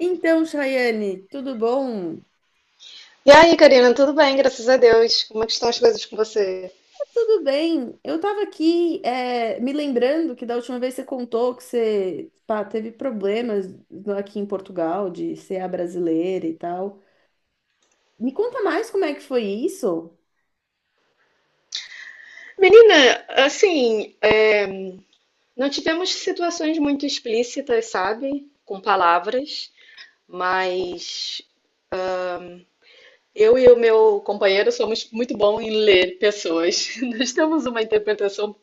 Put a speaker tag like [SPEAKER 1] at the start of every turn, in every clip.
[SPEAKER 1] Então, Chayane, tudo bom?
[SPEAKER 2] E aí, Karina, tudo bem? Graças a Deus. Como é que estão as coisas com você?
[SPEAKER 1] Tudo bem. Eu estava aqui me lembrando que da última vez você contou que você pá, teve problemas aqui em Portugal de ser a brasileira e tal. Me conta mais como é que foi isso?
[SPEAKER 2] Menina, assim, é, não tivemos situações muito explícitas, sabe? Com palavras, mas eu e o meu companheiro somos muito bons em ler pessoas. Nós temos uma interpretação,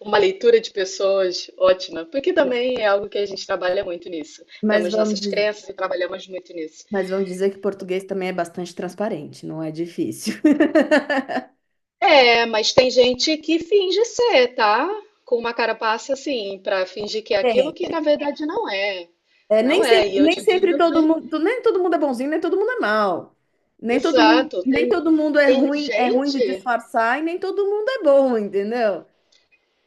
[SPEAKER 2] uma leitura de pessoas ótima, porque também é algo que a gente trabalha muito nisso.
[SPEAKER 1] Mas
[SPEAKER 2] Temos
[SPEAKER 1] vamos,
[SPEAKER 2] nossas
[SPEAKER 1] diz-
[SPEAKER 2] crenças e trabalhamos muito nisso.
[SPEAKER 1] mas vamos dizer que português também é bastante transparente, não é difícil.
[SPEAKER 2] É, mas tem gente que finge ser, tá? Com uma carapaça assim, pra fingir que é aquilo
[SPEAKER 1] Tem.
[SPEAKER 2] que na verdade não é.
[SPEAKER 1] É,
[SPEAKER 2] Não é. E eu
[SPEAKER 1] nem
[SPEAKER 2] te
[SPEAKER 1] sempre
[SPEAKER 2] digo que,
[SPEAKER 1] todo mundo, nem todo mundo é bonzinho, nem todo mundo é mal.
[SPEAKER 2] exato,
[SPEAKER 1] Nem todo mundo
[SPEAKER 2] tem
[SPEAKER 1] é ruim de
[SPEAKER 2] gente,
[SPEAKER 1] disfarçar e nem todo mundo é bom, entendeu?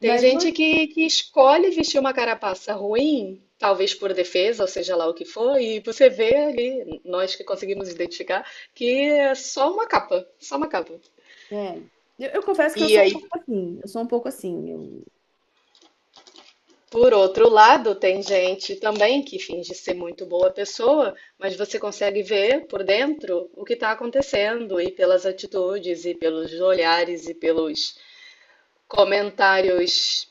[SPEAKER 2] tem gente
[SPEAKER 1] no-
[SPEAKER 2] que escolhe vestir uma carapaça ruim, talvez por defesa, ou seja lá o que for, e você vê ali, nós que conseguimos identificar, que é só uma capa, só uma capa.
[SPEAKER 1] é, eu confesso que eu
[SPEAKER 2] E
[SPEAKER 1] sou um pouco
[SPEAKER 2] aí
[SPEAKER 1] assim, eu sou um pouco assim, eu-
[SPEAKER 2] Por outro lado, tem gente também que finge ser muito boa pessoa, mas você consegue ver por dentro o que está acontecendo, e pelas atitudes, e pelos olhares, e pelos comentários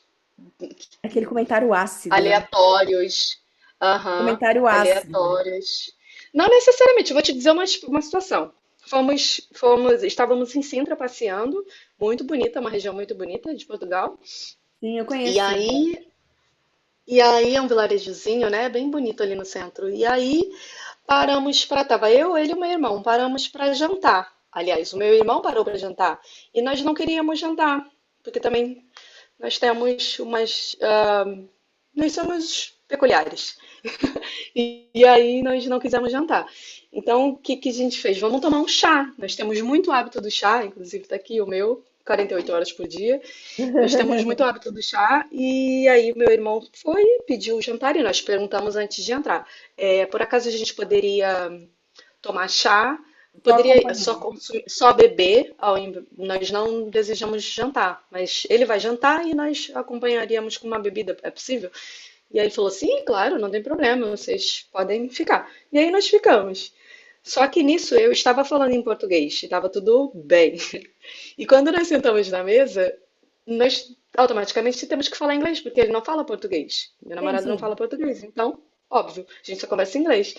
[SPEAKER 1] aquele comentário ácido, né?
[SPEAKER 2] aleatórios. Aham,
[SPEAKER 1] Comentário ácido.
[SPEAKER 2] aleatórios. Não necessariamente, eu vou te dizer uma situação. Estávamos em Sintra passeando, muito bonita, uma região muito bonita de Portugal.
[SPEAKER 1] Sim, eu
[SPEAKER 2] E
[SPEAKER 1] conheço, sim.
[SPEAKER 2] aí, e aí, é um vilarejozinho, né? Bem bonito ali no centro. E aí Paramos para, tava eu, ele e o meu irmão, paramos para jantar. Aliás, o meu irmão parou para jantar e nós não queríamos jantar, porque também nós temos umas, ah, nós somos peculiares. E aí nós não quisemos jantar. Então, o que que a gente fez? Vamos tomar um chá. Nós temos muito hábito do chá, inclusive está aqui o meu, 48 horas por dia. Nós temos muito hábito do chá e aí meu irmão foi, pediu o jantar e nós perguntamos antes de entrar. É, por acaso a gente poderia tomar chá,
[SPEAKER 1] Só
[SPEAKER 2] poderia só
[SPEAKER 1] acompanhando.
[SPEAKER 2] consumir, só beber, nós não desejamos jantar, mas ele vai jantar e nós acompanharíamos com uma bebida, é possível? E aí ele falou, sim, claro, não tem problema, vocês podem ficar. E aí nós ficamos. Só que nisso eu estava falando em português, estava tudo bem. E quando nós sentamos na mesa, nós automaticamente temos que falar inglês, porque ele não fala português. Meu
[SPEAKER 1] Sim,
[SPEAKER 2] namorado não
[SPEAKER 1] sim.
[SPEAKER 2] fala português, então, óbvio, a gente só conversa em inglês.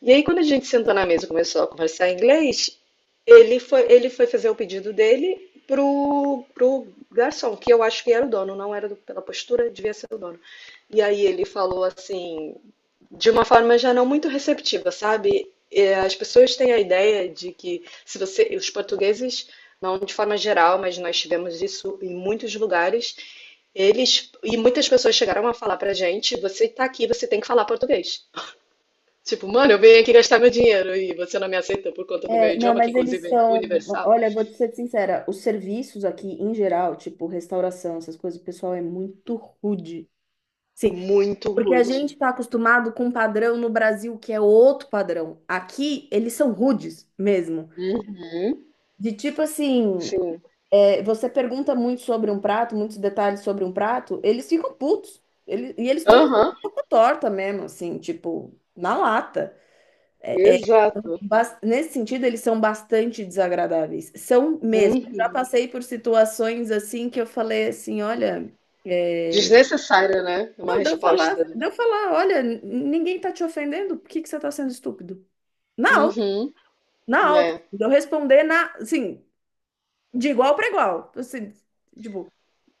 [SPEAKER 2] E aí, quando a gente sentou na mesa e começou a conversar em inglês, ele foi fazer o pedido dele pro garçom, que eu acho que era o dono, não era do- pela postura, devia ser o dono. E aí ele falou assim, de uma forma já não muito receptiva, sabe? As pessoas têm a ideia de que se você, os portugueses, não de forma geral, mas nós tivemos isso em muitos lugares, eles e muitas pessoas chegaram a falar pra gente, você tá aqui, você tem que falar português. Tipo, mano, eu venho aqui gastar meu dinheiro e você não me aceita por conta do meu
[SPEAKER 1] É, não,
[SPEAKER 2] idioma, que
[SPEAKER 1] mas eles
[SPEAKER 2] inclusive é
[SPEAKER 1] são.
[SPEAKER 2] universal.
[SPEAKER 1] Olha, vou te ser sincera, os serviços aqui, em geral, tipo restauração, essas coisas, o pessoal é muito rude. Sim.
[SPEAKER 2] Muito
[SPEAKER 1] Porque a gente
[SPEAKER 2] rude.
[SPEAKER 1] está acostumado com um padrão no Brasil que é outro padrão. Aqui, eles são rudes mesmo.
[SPEAKER 2] Uhum.
[SPEAKER 1] De tipo assim,
[SPEAKER 2] Sim.
[SPEAKER 1] é, você pergunta muito sobre um prato, muitos detalhes sobre um prato, eles ficam putos. E eles dão uma
[SPEAKER 2] Aham.
[SPEAKER 1] pouco torta mesmo, assim, tipo, na lata.
[SPEAKER 2] Exato.
[SPEAKER 1] Nesse sentido, eles são bastante desagradáveis. São mesmo. Eu já
[SPEAKER 2] Uhum.
[SPEAKER 1] passei por situações assim que eu falei assim, olha. é,
[SPEAKER 2] Desnecessária, né? Uma
[SPEAKER 1] Não,
[SPEAKER 2] resposta. Né?
[SPEAKER 1] deu falar, olha, ninguém tá te ofendendo, por que que você tá sendo estúpido? Na alta,
[SPEAKER 2] Uhum.
[SPEAKER 1] na alta.
[SPEAKER 2] É.
[SPEAKER 1] Deu responder na, assim, de igual para igual. Assim, tipo,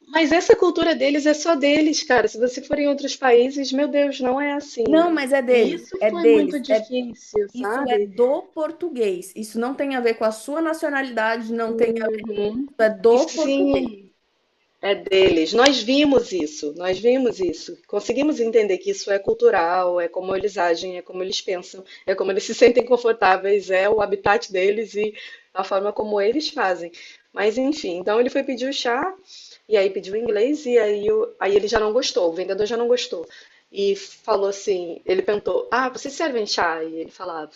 [SPEAKER 2] Mas essa cultura deles é só deles, cara. Se você for em outros países, meu Deus, não é assim.
[SPEAKER 1] não, mas é
[SPEAKER 2] E
[SPEAKER 1] dele,
[SPEAKER 2] isso foi muito difícil,
[SPEAKER 1] isso é
[SPEAKER 2] sabe?
[SPEAKER 1] do português. Isso não tem a ver com a sua nacionalidade, não tem, isso
[SPEAKER 2] Uhum.
[SPEAKER 1] é
[SPEAKER 2] E
[SPEAKER 1] do português.
[SPEAKER 2] sim, deles. Nós vimos isso, nós vimos isso. Conseguimos entender que isso é cultural, é como eles agem, é como eles pensam, é como eles se sentem confortáveis, é o habitat deles e a forma como eles fazem. Mas enfim, então ele foi pedir o chá e aí pediu inglês e aí, aí ele já não gostou, o vendedor já não gostou. E falou assim, ele perguntou, ah, vocês servem chá? E ele falava,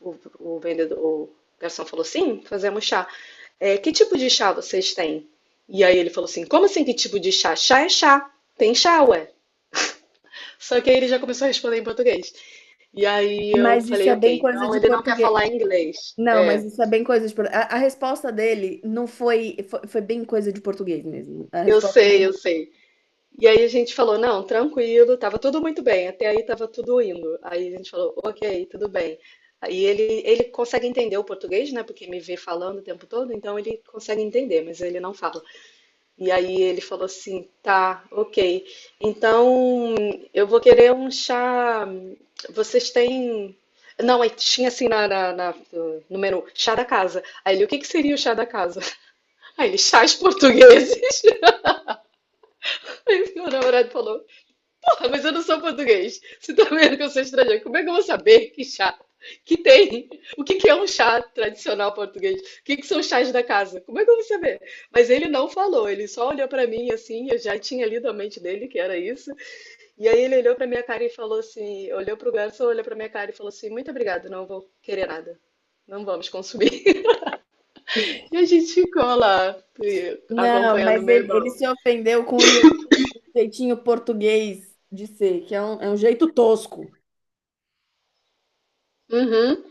[SPEAKER 2] o vendedor, o garçom falou, sim, fazemos chá. É, que tipo de chá vocês têm? E aí ele falou assim: como assim? Que tipo de chá? Chá é chá. Tem chá, ué. Só que aí ele já começou a responder em português. E aí eu
[SPEAKER 1] Mas isso
[SPEAKER 2] falei:
[SPEAKER 1] é bem
[SPEAKER 2] ok,
[SPEAKER 1] coisa
[SPEAKER 2] então
[SPEAKER 1] de
[SPEAKER 2] ele não quer
[SPEAKER 1] português.
[SPEAKER 2] falar inglês.
[SPEAKER 1] Não, mas
[SPEAKER 2] É,
[SPEAKER 1] isso é bem coisa de português. A resposta dele não foi, foi bem coisa de português mesmo. A
[SPEAKER 2] eu
[SPEAKER 1] resposta
[SPEAKER 2] sei,
[SPEAKER 1] dele
[SPEAKER 2] eu sei. E aí a gente falou: não, tranquilo, tava tudo muito bem. Até aí tava tudo indo. Aí a gente falou: ok, tudo bem. E ele consegue entender o português, né? Porque me vê falando o tempo todo, então ele consegue entender, mas ele não fala. E aí ele falou assim, tá, ok. Então eu vou querer um chá. Vocês têm. Não, aí tinha assim no menu, chá da casa. Aí ele, o que que seria o chá da casa? Aí ele, chás portugueses. Aí meu namorado falou, ah, mas eu não sou português. Você tá vendo que eu sou estrangeiro. Como é que eu vou saber que chá que tem? O que que é um chá tradicional português? O que que são os chás da casa? Como é que eu vou saber? Mas ele não falou, ele só olhou pra mim assim, eu já tinha lido a mente dele que era isso. E aí ele olhou pra minha cara e falou assim, olhou pro garçom, olhou pra minha cara e falou assim: "Muito obrigado, não vou querer nada. Não vamos consumir". E a gente ficou lá
[SPEAKER 1] não,
[SPEAKER 2] acompanhando
[SPEAKER 1] mas
[SPEAKER 2] meu
[SPEAKER 1] ele
[SPEAKER 2] irmão.
[SPEAKER 1] se ofendeu com o jeito. Jeitinho português de ser, que é um jeito tosco.
[SPEAKER 2] Uhum.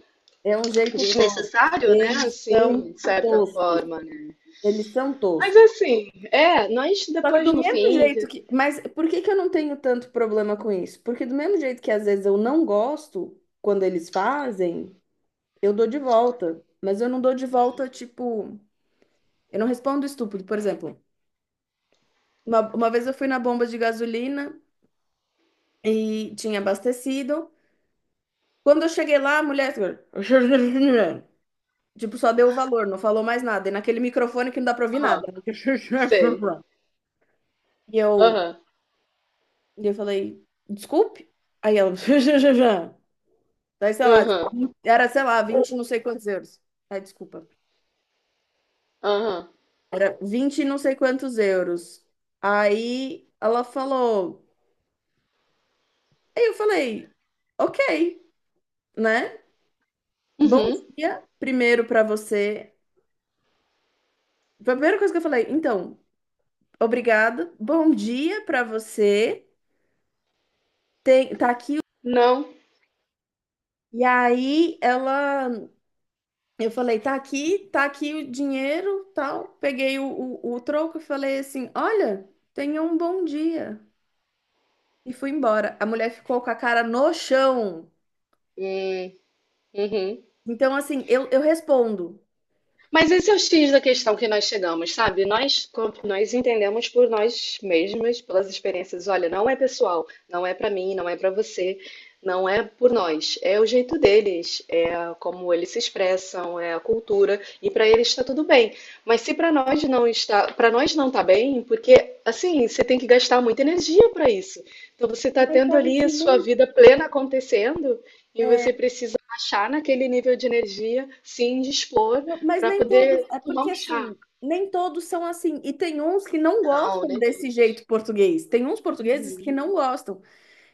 [SPEAKER 1] É um jeito tosco.
[SPEAKER 2] Desnecessário, né?
[SPEAKER 1] Eles são
[SPEAKER 2] Assim, de certa
[SPEAKER 1] toscos.
[SPEAKER 2] forma, né?
[SPEAKER 1] Eles são
[SPEAKER 2] Mas
[SPEAKER 1] toscos.
[SPEAKER 2] assim, é, nós
[SPEAKER 1] Só que
[SPEAKER 2] depois
[SPEAKER 1] do
[SPEAKER 2] no
[SPEAKER 1] mesmo
[SPEAKER 2] fim.
[SPEAKER 1] jeito que. Mas por que que eu não tenho tanto problema com isso? Porque do mesmo jeito que às vezes eu não gosto quando eles fazem, eu dou de volta. Mas eu não dou de volta, tipo. Eu não respondo estúpido. Por exemplo, uma vez eu fui na bomba de gasolina e tinha abastecido. Quando eu cheguei lá, a mulher. Tipo, só deu o valor, não falou mais nada. E naquele microfone que não dá pra ouvir nada.
[SPEAKER 2] Aham, sei.
[SPEAKER 1] E eu,
[SPEAKER 2] Aham,
[SPEAKER 1] e eu falei, desculpe? Aí ela, daí sei lá,
[SPEAKER 2] aham,
[SPEAKER 1] tipo, era, sei lá, 20 não sei quantos euros. Ai, desculpa.
[SPEAKER 2] aham.
[SPEAKER 1] Era 20 não sei quantos euros. Aí ela falou, aí eu falei, ok, né? Bom
[SPEAKER 2] Uhum,
[SPEAKER 1] dia, primeiro pra você. Foi a primeira coisa que eu falei, então, obrigada, bom dia pra você. Tem, tá aqui
[SPEAKER 2] não.
[SPEAKER 1] E aí ela, eu falei, tá aqui o dinheiro, tal. Peguei o troco e falei assim, olha, tenha um bom dia. E fui embora. A mulher ficou com a cara no chão.
[SPEAKER 2] Hum, uhum.
[SPEAKER 1] Então, assim, eu respondo.
[SPEAKER 2] Mas esse é o X da questão que nós chegamos, sabe? Nós entendemos por nós mesmas, pelas experiências. Olha, não é pessoal, não é pra mim, não é pra você, não é por nós. É o jeito deles, é como eles se expressam, é a cultura e pra eles está tudo bem. Mas se pra nós não está, para nós não tá bem, porque assim você tem que gastar muita energia pra isso. Então você tá
[SPEAKER 1] Mas
[SPEAKER 2] tendo
[SPEAKER 1] sabe
[SPEAKER 2] ali
[SPEAKER 1] que
[SPEAKER 2] a sua
[SPEAKER 1] nem.
[SPEAKER 2] vida plena acontecendo e você
[SPEAKER 1] é,
[SPEAKER 2] precisa achar naquele nível de energia, se indispor
[SPEAKER 1] não, mas
[SPEAKER 2] para
[SPEAKER 1] nem todos.
[SPEAKER 2] poder
[SPEAKER 1] É
[SPEAKER 2] tomar
[SPEAKER 1] porque,
[SPEAKER 2] um chá.
[SPEAKER 1] assim, nem todos são assim. E tem uns que não
[SPEAKER 2] Não,
[SPEAKER 1] gostam
[SPEAKER 2] nem
[SPEAKER 1] desse
[SPEAKER 2] todos.
[SPEAKER 1] jeito português. Tem uns portugueses que
[SPEAKER 2] Uhum.
[SPEAKER 1] não gostam.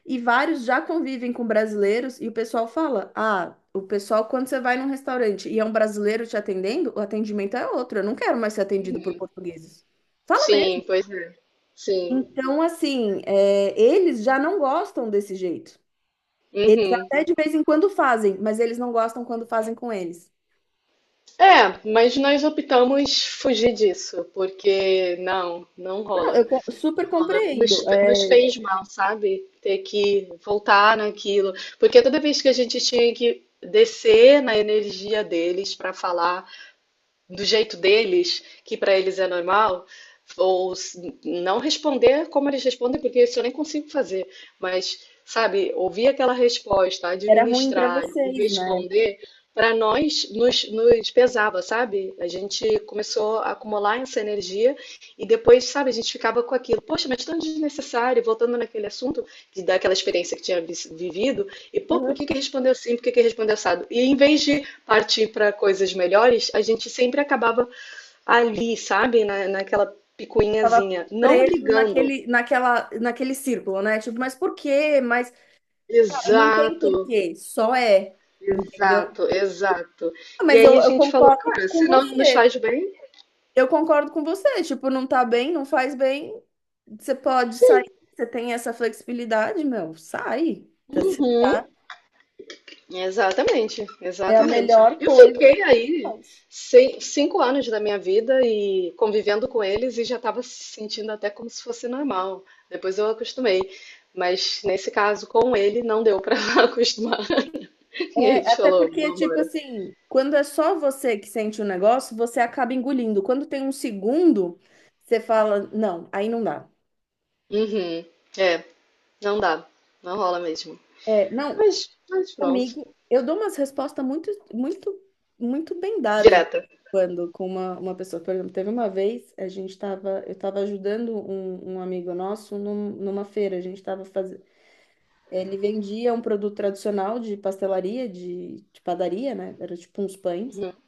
[SPEAKER 1] E vários já convivem com brasileiros e o pessoal fala: ah, o pessoal, quando você vai num restaurante e é um brasileiro te atendendo, o atendimento é outro. Eu não quero mais ser atendido por portugueses. Fala mesmo.
[SPEAKER 2] Sim, pois é. Sim.
[SPEAKER 1] Então, assim, é, eles já não gostam desse jeito. Eles
[SPEAKER 2] Uhum.
[SPEAKER 1] até de vez em quando fazem, mas eles não gostam quando fazem com eles.
[SPEAKER 2] É, mas nós optamos fugir disso, porque não, não
[SPEAKER 1] Não,
[SPEAKER 2] rola. Não
[SPEAKER 1] super
[SPEAKER 2] rola.
[SPEAKER 1] compreendo.
[SPEAKER 2] Nos, nos
[SPEAKER 1] É,
[SPEAKER 2] fez mal, sabe? Ter que voltar naquilo. Porque toda vez que a gente tinha que descer na energia deles para falar. Do jeito deles, que para eles é normal, ou s- não responder como eles respondem, porque isso eu nem consigo fazer, mas, sabe, ouvir aquela resposta,
[SPEAKER 1] era ruim para
[SPEAKER 2] administrar e
[SPEAKER 1] vocês, né?
[SPEAKER 2] responder, para nós nos pesava, sabe? A gente começou a acumular essa energia e depois, sabe, a gente ficava com aquilo, poxa, mas tão desnecessário, voltando naquele assunto de daquela experiência que tinha vivido, e pô,
[SPEAKER 1] Uhum.
[SPEAKER 2] por que que respondeu assim, por que que respondeu assado? E em vez de partir para coisas melhores, a gente sempre acabava ali, sabe? Na, naquela
[SPEAKER 1] Tava
[SPEAKER 2] picuinhazinha, não
[SPEAKER 1] preso
[SPEAKER 2] brigando.
[SPEAKER 1] naquele círculo, né? Tipo, mas por quê? Mas não tem
[SPEAKER 2] Exato,
[SPEAKER 1] porquê, só é, entendeu?
[SPEAKER 2] exato, exato.
[SPEAKER 1] Ah,
[SPEAKER 2] E
[SPEAKER 1] mas eu,
[SPEAKER 2] aí a
[SPEAKER 1] eu
[SPEAKER 2] gente falou,
[SPEAKER 1] concordo
[SPEAKER 2] cara,
[SPEAKER 1] com
[SPEAKER 2] se não nos
[SPEAKER 1] você.
[SPEAKER 2] faz bem,
[SPEAKER 1] Eu concordo com você. Tipo, não tá bem, não faz bem. Você pode sair,
[SPEAKER 2] sim.
[SPEAKER 1] você tem essa flexibilidade, meu, sai.
[SPEAKER 2] Uhum, exatamente,
[SPEAKER 1] É a
[SPEAKER 2] exatamente.
[SPEAKER 1] melhor
[SPEAKER 2] Eu
[SPEAKER 1] coisa
[SPEAKER 2] fiquei
[SPEAKER 1] que
[SPEAKER 2] aí
[SPEAKER 1] faz.
[SPEAKER 2] 5 anos da minha vida e convivendo com eles e já estava se sentindo até como se fosse normal. Depois eu acostumei. Mas nesse caso, com ele, não deu para acostumar. E
[SPEAKER 1] É,
[SPEAKER 2] ele te
[SPEAKER 1] até
[SPEAKER 2] falou,
[SPEAKER 1] porque, tipo
[SPEAKER 2] vambora.
[SPEAKER 1] assim, quando é só você que sente o negócio, você acaba engolindo. Quando tem um segundo, você fala, não, aí não dá.
[SPEAKER 2] Uhum. É, não dá. Não rola mesmo.
[SPEAKER 1] É, não,
[SPEAKER 2] Mas pronto.
[SPEAKER 1] comigo, eu dou umas respostas muito bem dadas de vez
[SPEAKER 2] Direta.
[SPEAKER 1] em quando com uma pessoa. Por exemplo, teve uma vez, eu estava ajudando um amigo nosso numa feira. A gente estava fazendo. Ele vendia um produto tradicional de pastelaria, de padaria, né? Era tipo uns pães
[SPEAKER 2] Uhum.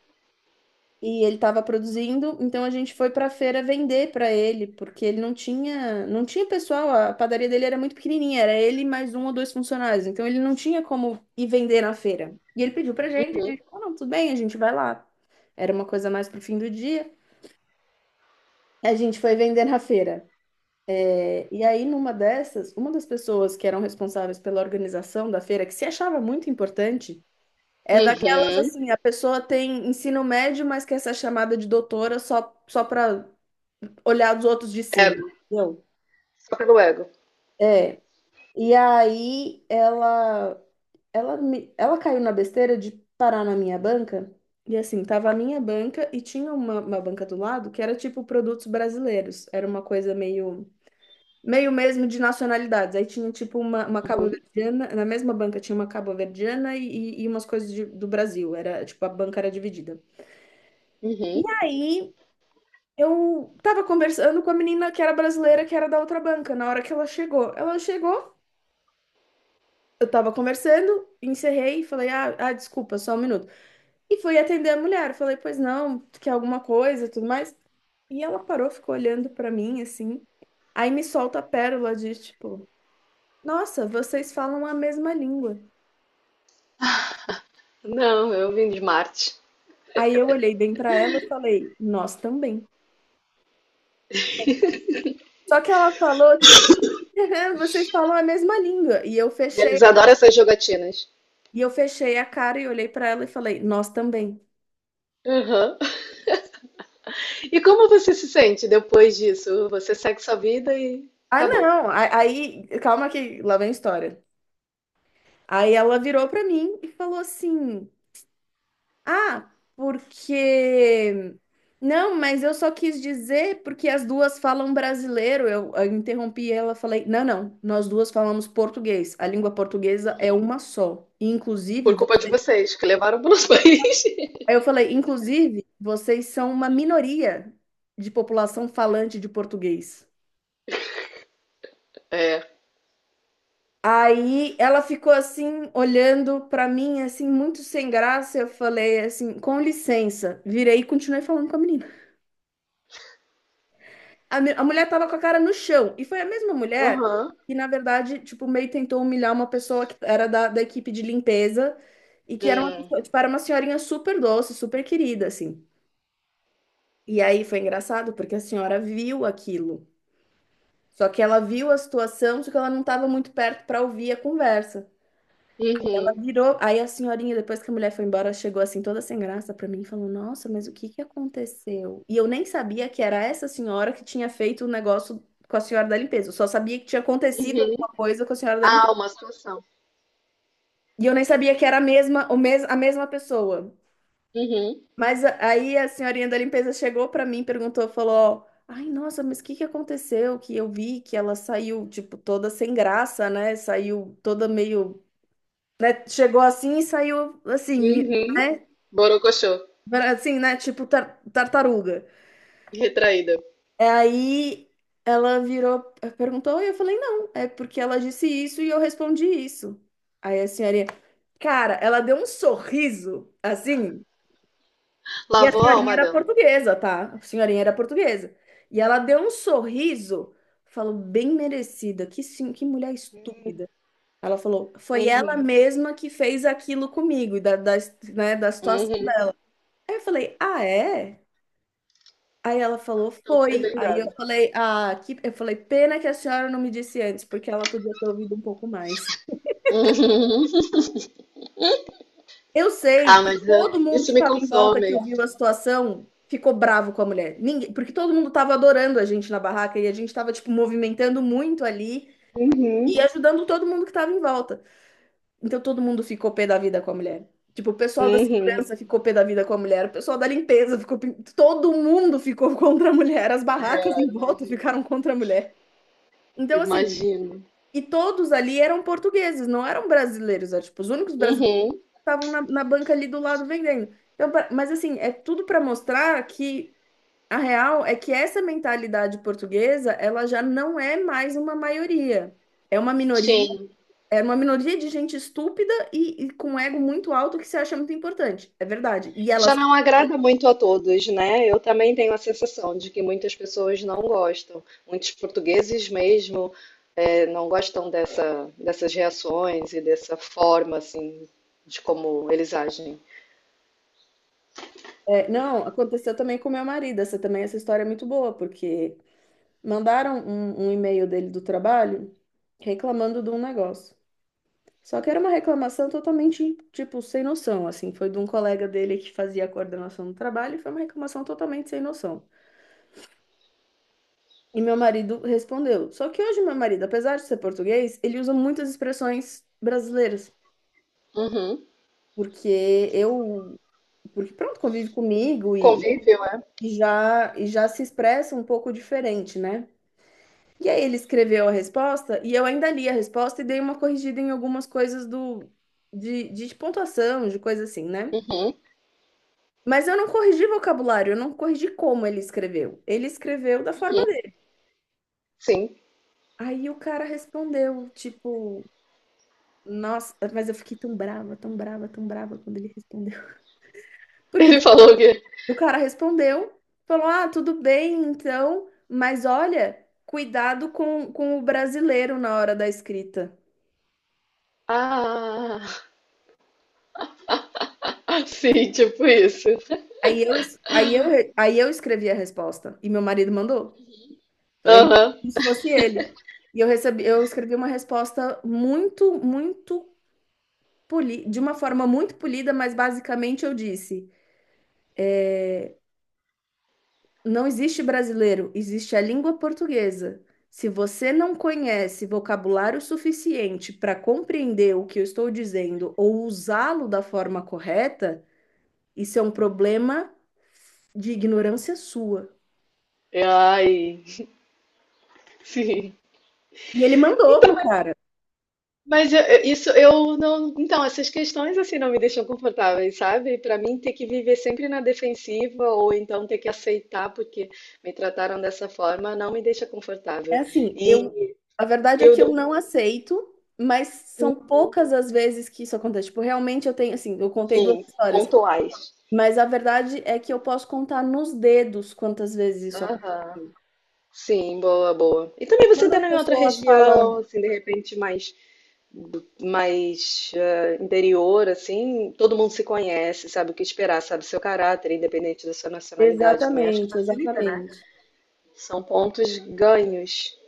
[SPEAKER 1] e ele estava produzindo, então a gente foi para a feira vender para ele, porque ele não tinha, não tinha pessoal, a padaria dele era muito pequenininha, era ele mais um ou dois funcionários, então ele não tinha como ir vender na feira. E ele pediu pra gente, a gente falou, não, tudo bem, a gente vai lá. Era uma coisa mais pro fim do dia. A gente foi vender na feira. É, e aí, numa dessas, uma das pessoas que eram responsáveis pela organização da feira, que se achava muito importante, é daquelas
[SPEAKER 2] Uhum.
[SPEAKER 1] assim, a pessoa tem ensino médio, mas quer ser chamada de doutora só, só para olhar os outros de cima,
[SPEAKER 2] Ego.
[SPEAKER 1] entendeu?
[SPEAKER 2] Só pelo ego.
[SPEAKER 1] É. E aí ela caiu na besteira de parar na minha banca. E assim, tava a minha banca e tinha uma banca do lado que era tipo produtos brasileiros. Era uma coisa meio meio mesmo de nacionalidades. Aí tinha tipo uma
[SPEAKER 2] Uhum.
[SPEAKER 1] cabo-verdiana, na mesma banca tinha uma cabo-verdiana e umas coisas do Brasil. Era tipo a banca era dividida. E
[SPEAKER 2] Uhum.
[SPEAKER 1] aí eu tava conversando com a menina que era brasileira, que era da outra banca, na hora que ela chegou. Ela chegou, eu tava conversando, encerrei e falei: ah, desculpa, só um minuto. E fui atender a mulher. Falei: Pois não, tu quer alguma coisa, tudo mais. E ela parou, ficou olhando pra mim assim. Aí me solta a pérola de tipo: Nossa, vocês falam a mesma língua.
[SPEAKER 2] Não, eu vim de Marte.
[SPEAKER 1] Aí eu olhei bem pra ela e falei: Nós também. Só que ela falou tipo: Vocês falam a mesma língua.
[SPEAKER 2] Eles adoram essas jogatinas.
[SPEAKER 1] E eu fechei a cara e olhei pra ela e falei, nós também.
[SPEAKER 2] Uhum. E como você se sente depois disso? Você segue sua vida e
[SPEAKER 1] Ah,
[SPEAKER 2] acabou.
[SPEAKER 1] não. Aí, calma que lá vem a história. Aí ela virou pra mim e falou assim: Ah, porque. Não, mas eu só quis dizer porque as duas falam brasileiro. Eu interrompi ela, falei: Não, não, nós duas falamos português. A língua portuguesa é uma só. E, inclusive,
[SPEAKER 2] Por culpa de vocês, que levaram para os países.
[SPEAKER 1] aí eu falei: Inclusive, vocês são uma minoria de população falante de português.
[SPEAKER 2] É.
[SPEAKER 1] Aí ela ficou assim, olhando pra mim, assim, muito sem graça. Eu falei assim, com licença. Virei e continuei falando com a menina. A mulher tava com a cara no chão. E foi a mesma mulher
[SPEAKER 2] Uhum.
[SPEAKER 1] que, na verdade, tipo, meio tentou humilhar uma pessoa que era da equipe de limpeza e que era uma,
[SPEAKER 2] Hum.
[SPEAKER 1] tipo, era uma senhorinha super doce, super querida, assim. E aí foi engraçado, porque a senhora viu aquilo. Só que ela viu a situação, só que ela não estava muito perto para ouvir a conversa.
[SPEAKER 2] Uhum.
[SPEAKER 1] Virou. Aí a senhorinha, depois que a mulher foi embora, chegou assim toda sem graça pra mim e falou: Nossa, mas o que que aconteceu? E eu nem sabia que era essa senhora que tinha feito o negócio com a senhora da limpeza. Eu só sabia que tinha acontecido
[SPEAKER 2] Uhum.
[SPEAKER 1] alguma coisa com a senhora da
[SPEAKER 2] Ah,
[SPEAKER 1] limpeza.
[SPEAKER 2] uma situação.
[SPEAKER 1] E eu nem sabia que era a mesma pessoa.
[SPEAKER 2] Uhum.
[SPEAKER 1] Mas aí a senhorinha da limpeza chegou pra mim, perguntou, falou: Ai, nossa, mas o que que aconteceu? Que eu vi que ela saiu, tipo, toda sem graça, né? Saiu toda meio. Né? Chegou assim e saiu assim,
[SPEAKER 2] Uhum.
[SPEAKER 1] né?
[SPEAKER 2] Borocochô.
[SPEAKER 1] Assim, né? Tipo tartaruga.
[SPEAKER 2] Retraída.
[SPEAKER 1] É, aí ela virou, perguntou, e eu falei, não, é porque ela disse isso e eu respondi isso. Aí a senhorinha, cara, ela deu um sorriso, assim, e a
[SPEAKER 2] Lavou a
[SPEAKER 1] senhorinha
[SPEAKER 2] alma
[SPEAKER 1] era
[SPEAKER 2] dela.
[SPEAKER 1] portuguesa, tá? A senhorinha era portuguesa. E ela deu um sorriso, falou, bem merecida, que sim, que mulher estúpida. Ela falou, foi ela
[SPEAKER 2] Uhum.
[SPEAKER 1] mesma que fez aquilo comigo, e né, da situação.
[SPEAKER 2] Uhum.
[SPEAKER 1] Aí eu falei, ah, é? Aí ela falou,
[SPEAKER 2] Então foi
[SPEAKER 1] foi.
[SPEAKER 2] bem
[SPEAKER 1] Aí eu
[SPEAKER 2] dado.
[SPEAKER 1] falei, ah, que... eu falei, pena que a senhora não me disse antes, porque ela podia ter ouvido um pouco mais.
[SPEAKER 2] Uhum.
[SPEAKER 1] Eu sei
[SPEAKER 2] Ah,
[SPEAKER 1] que
[SPEAKER 2] mas ah,
[SPEAKER 1] todo mundo que
[SPEAKER 2] isso me
[SPEAKER 1] estava em volta, que
[SPEAKER 2] consome.
[SPEAKER 1] ouviu a situação, ficou bravo com a mulher. Ninguém... Porque todo mundo estava adorando a gente na barraca e a gente estava, tipo, movimentando muito ali
[SPEAKER 2] Uhum.
[SPEAKER 1] e ajudando todo mundo que estava em volta. Então todo mundo ficou pé da vida com a mulher. Tipo, o pessoal da
[SPEAKER 2] Uhum.
[SPEAKER 1] segurança ficou pé da vida com a mulher, o pessoal da limpeza ficou. Todo mundo ficou contra a mulher, as barracas
[SPEAKER 2] Cara,
[SPEAKER 1] em volta
[SPEAKER 2] imagi-
[SPEAKER 1] ficaram contra a mulher. Então, assim,
[SPEAKER 2] Imagino.
[SPEAKER 1] e todos ali eram portugueses, não eram brasileiros. Era, tipo, os únicos brasileiros
[SPEAKER 2] Uhum.
[SPEAKER 1] que estavam na banca ali do lado vendendo. Então, mas assim, é tudo para mostrar que a real é que essa mentalidade portuguesa, ela já não é mais uma maioria. É uma minoria,
[SPEAKER 2] Sim.
[SPEAKER 1] é uma minoria de gente estúpida e com ego muito alto que se acha muito importante. É verdade. E
[SPEAKER 2] E já
[SPEAKER 1] elas,
[SPEAKER 2] não agrada muito a todos, né? Eu também tenho a sensação de que muitas pessoas não gostam. Muitos portugueses mesmo não gostam dessa, dessas reações e dessa forma, assim, de como eles agem.
[SPEAKER 1] é, não, aconteceu também com meu marido. Essa também, essa história é muito boa, porque mandaram um e-mail dele do trabalho reclamando de um negócio. Só que era uma reclamação totalmente, tipo, sem noção, assim. Foi de um colega dele que fazia a coordenação do trabalho e foi uma reclamação totalmente sem noção. E meu marido respondeu. Só que hoje meu marido, apesar de ser português, ele usa muitas expressões brasileiras.
[SPEAKER 2] Uhum.
[SPEAKER 1] Porque eu... Porque, pronto, convive comigo e,
[SPEAKER 2] Convívio, é?
[SPEAKER 1] e já se expressa um pouco diferente, né? E aí ele escreveu a resposta e eu ainda li a resposta e dei uma corrigida em algumas coisas do... De pontuação, de coisa assim, né?
[SPEAKER 2] Uhum.
[SPEAKER 1] Mas eu não corrigi vocabulário, eu não corrigi como ele escreveu. Ele escreveu da forma dele.
[SPEAKER 2] Sim.
[SPEAKER 1] Aí o cara respondeu, tipo, nossa, mas eu fiquei tão brava, tão brava, tão brava quando ele respondeu. Porque
[SPEAKER 2] Ele
[SPEAKER 1] daí
[SPEAKER 2] falou que.
[SPEAKER 1] o cara respondeu, falou: ah, tudo bem, então, mas olha, cuidado com o brasileiro na hora da escrita.
[SPEAKER 2] Ah, sim tipo isso.
[SPEAKER 1] Aí eu, es- aí eu, re- aí eu escrevi a resposta e meu marido mandou. Então, ele,
[SPEAKER 2] Aham.
[SPEAKER 1] como se fosse ele. E eu recebi, eu escrevi uma resposta muito, muito de uma forma muito polida, mas basicamente eu disse: não existe brasileiro, existe a língua portuguesa. Se você não conhece vocabulário suficiente para compreender o que eu estou dizendo ou usá-lo da forma correta, isso é um problema de ignorância sua.
[SPEAKER 2] Eu, Ai, sim.
[SPEAKER 1] E ele mandou pro cara.
[SPEAKER 2] Isso eu não. Então, essas questões assim não me deixam confortáveis, sabe? Pra mim, ter que viver sempre na defensiva ou então ter que aceitar porque me trataram dessa forma não me deixa
[SPEAKER 1] É
[SPEAKER 2] confortável.
[SPEAKER 1] assim,
[SPEAKER 2] E
[SPEAKER 1] eu, a verdade é
[SPEAKER 2] eu
[SPEAKER 1] que eu
[SPEAKER 2] dou,
[SPEAKER 1] não aceito, mas são poucas as vezes que isso acontece. Tipo, realmente eu tenho, assim, eu contei duas
[SPEAKER 2] enfim,
[SPEAKER 1] histórias.
[SPEAKER 2] pontuais.
[SPEAKER 1] Mas a verdade é que eu posso contar nos dedos quantas vezes isso aconteceu.
[SPEAKER 2] Aham. Sim, boa, boa. E também você
[SPEAKER 1] Quando
[SPEAKER 2] tá
[SPEAKER 1] as
[SPEAKER 2] em outra
[SPEAKER 1] pessoas
[SPEAKER 2] região,
[SPEAKER 1] falam.
[SPEAKER 2] assim, de repente mais interior, assim, todo mundo se conhece, sabe o que esperar, sabe seu caráter, independente da sua nacionalidade também. Acho que
[SPEAKER 1] Exatamente,
[SPEAKER 2] facilita, né?
[SPEAKER 1] exatamente.
[SPEAKER 2] São pontos ganhos,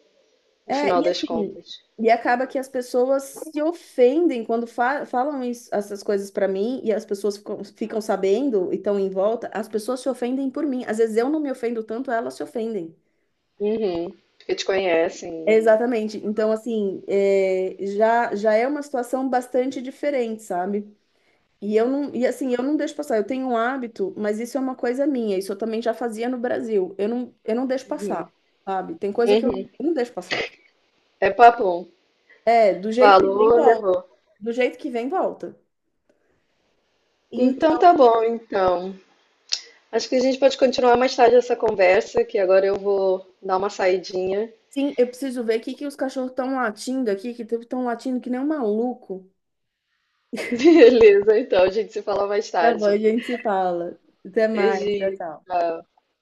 [SPEAKER 2] no
[SPEAKER 1] É,
[SPEAKER 2] final
[SPEAKER 1] e
[SPEAKER 2] das
[SPEAKER 1] assim,
[SPEAKER 2] contas.
[SPEAKER 1] e acaba que as pessoas se ofendem quando falam essas coisas pra mim e as pessoas ficam, ficam sabendo e estão em volta, as pessoas se ofendem por mim. Às vezes eu não me ofendo tanto, elas se ofendem.
[SPEAKER 2] Uhum. Porque te conhecem.
[SPEAKER 1] Exatamente. Então, assim, é, já, já é uma situação bastante diferente, sabe? Eu não deixo passar. Eu tenho um hábito, mas isso é uma coisa minha. Isso eu também já fazia no Brasil. Eu não deixo passar,
[SPEAKER 2] Uhum.
[SPEAKER 1] sabe? Tem coisa que
[SPEAKER 2] Uhum.
[SPEAKER 1] eu não deixo passar.
[SPEAKER 2] É papo.
[SPEAKER 1] É, do jeito que vem,
[SPEAKER 2] Valor,
[SPEAKER 1] volta.
[SPEAKER 2] levou.
[SPEAKER 1] Do jeito que vem, volta.
[SPEAKER 2] Então
[SPEAKER 1] Então,
[SPEAKER 2] tá bom, então. Acho que a gente pode continuar mais tarde essa conversa, que agora eu vou dar uma saidinha.
[SPEAKER 1] assim, eu preciso ver o que que os cachorros estão latindo aqui, que estão latindo que nem um maluco.
[SPEAKER 2] Beleza, então, a gente se fala mais
[SPEAKER 1] Tá bom, a
[SPEAKER 2] tarde.
[SPEAKER 1] gente se fala. Até mais, tchau,
[SPEAKER 2] Beijinho.
[SPEAKER 1] tchau.
[SPEAKER 2] Tchau.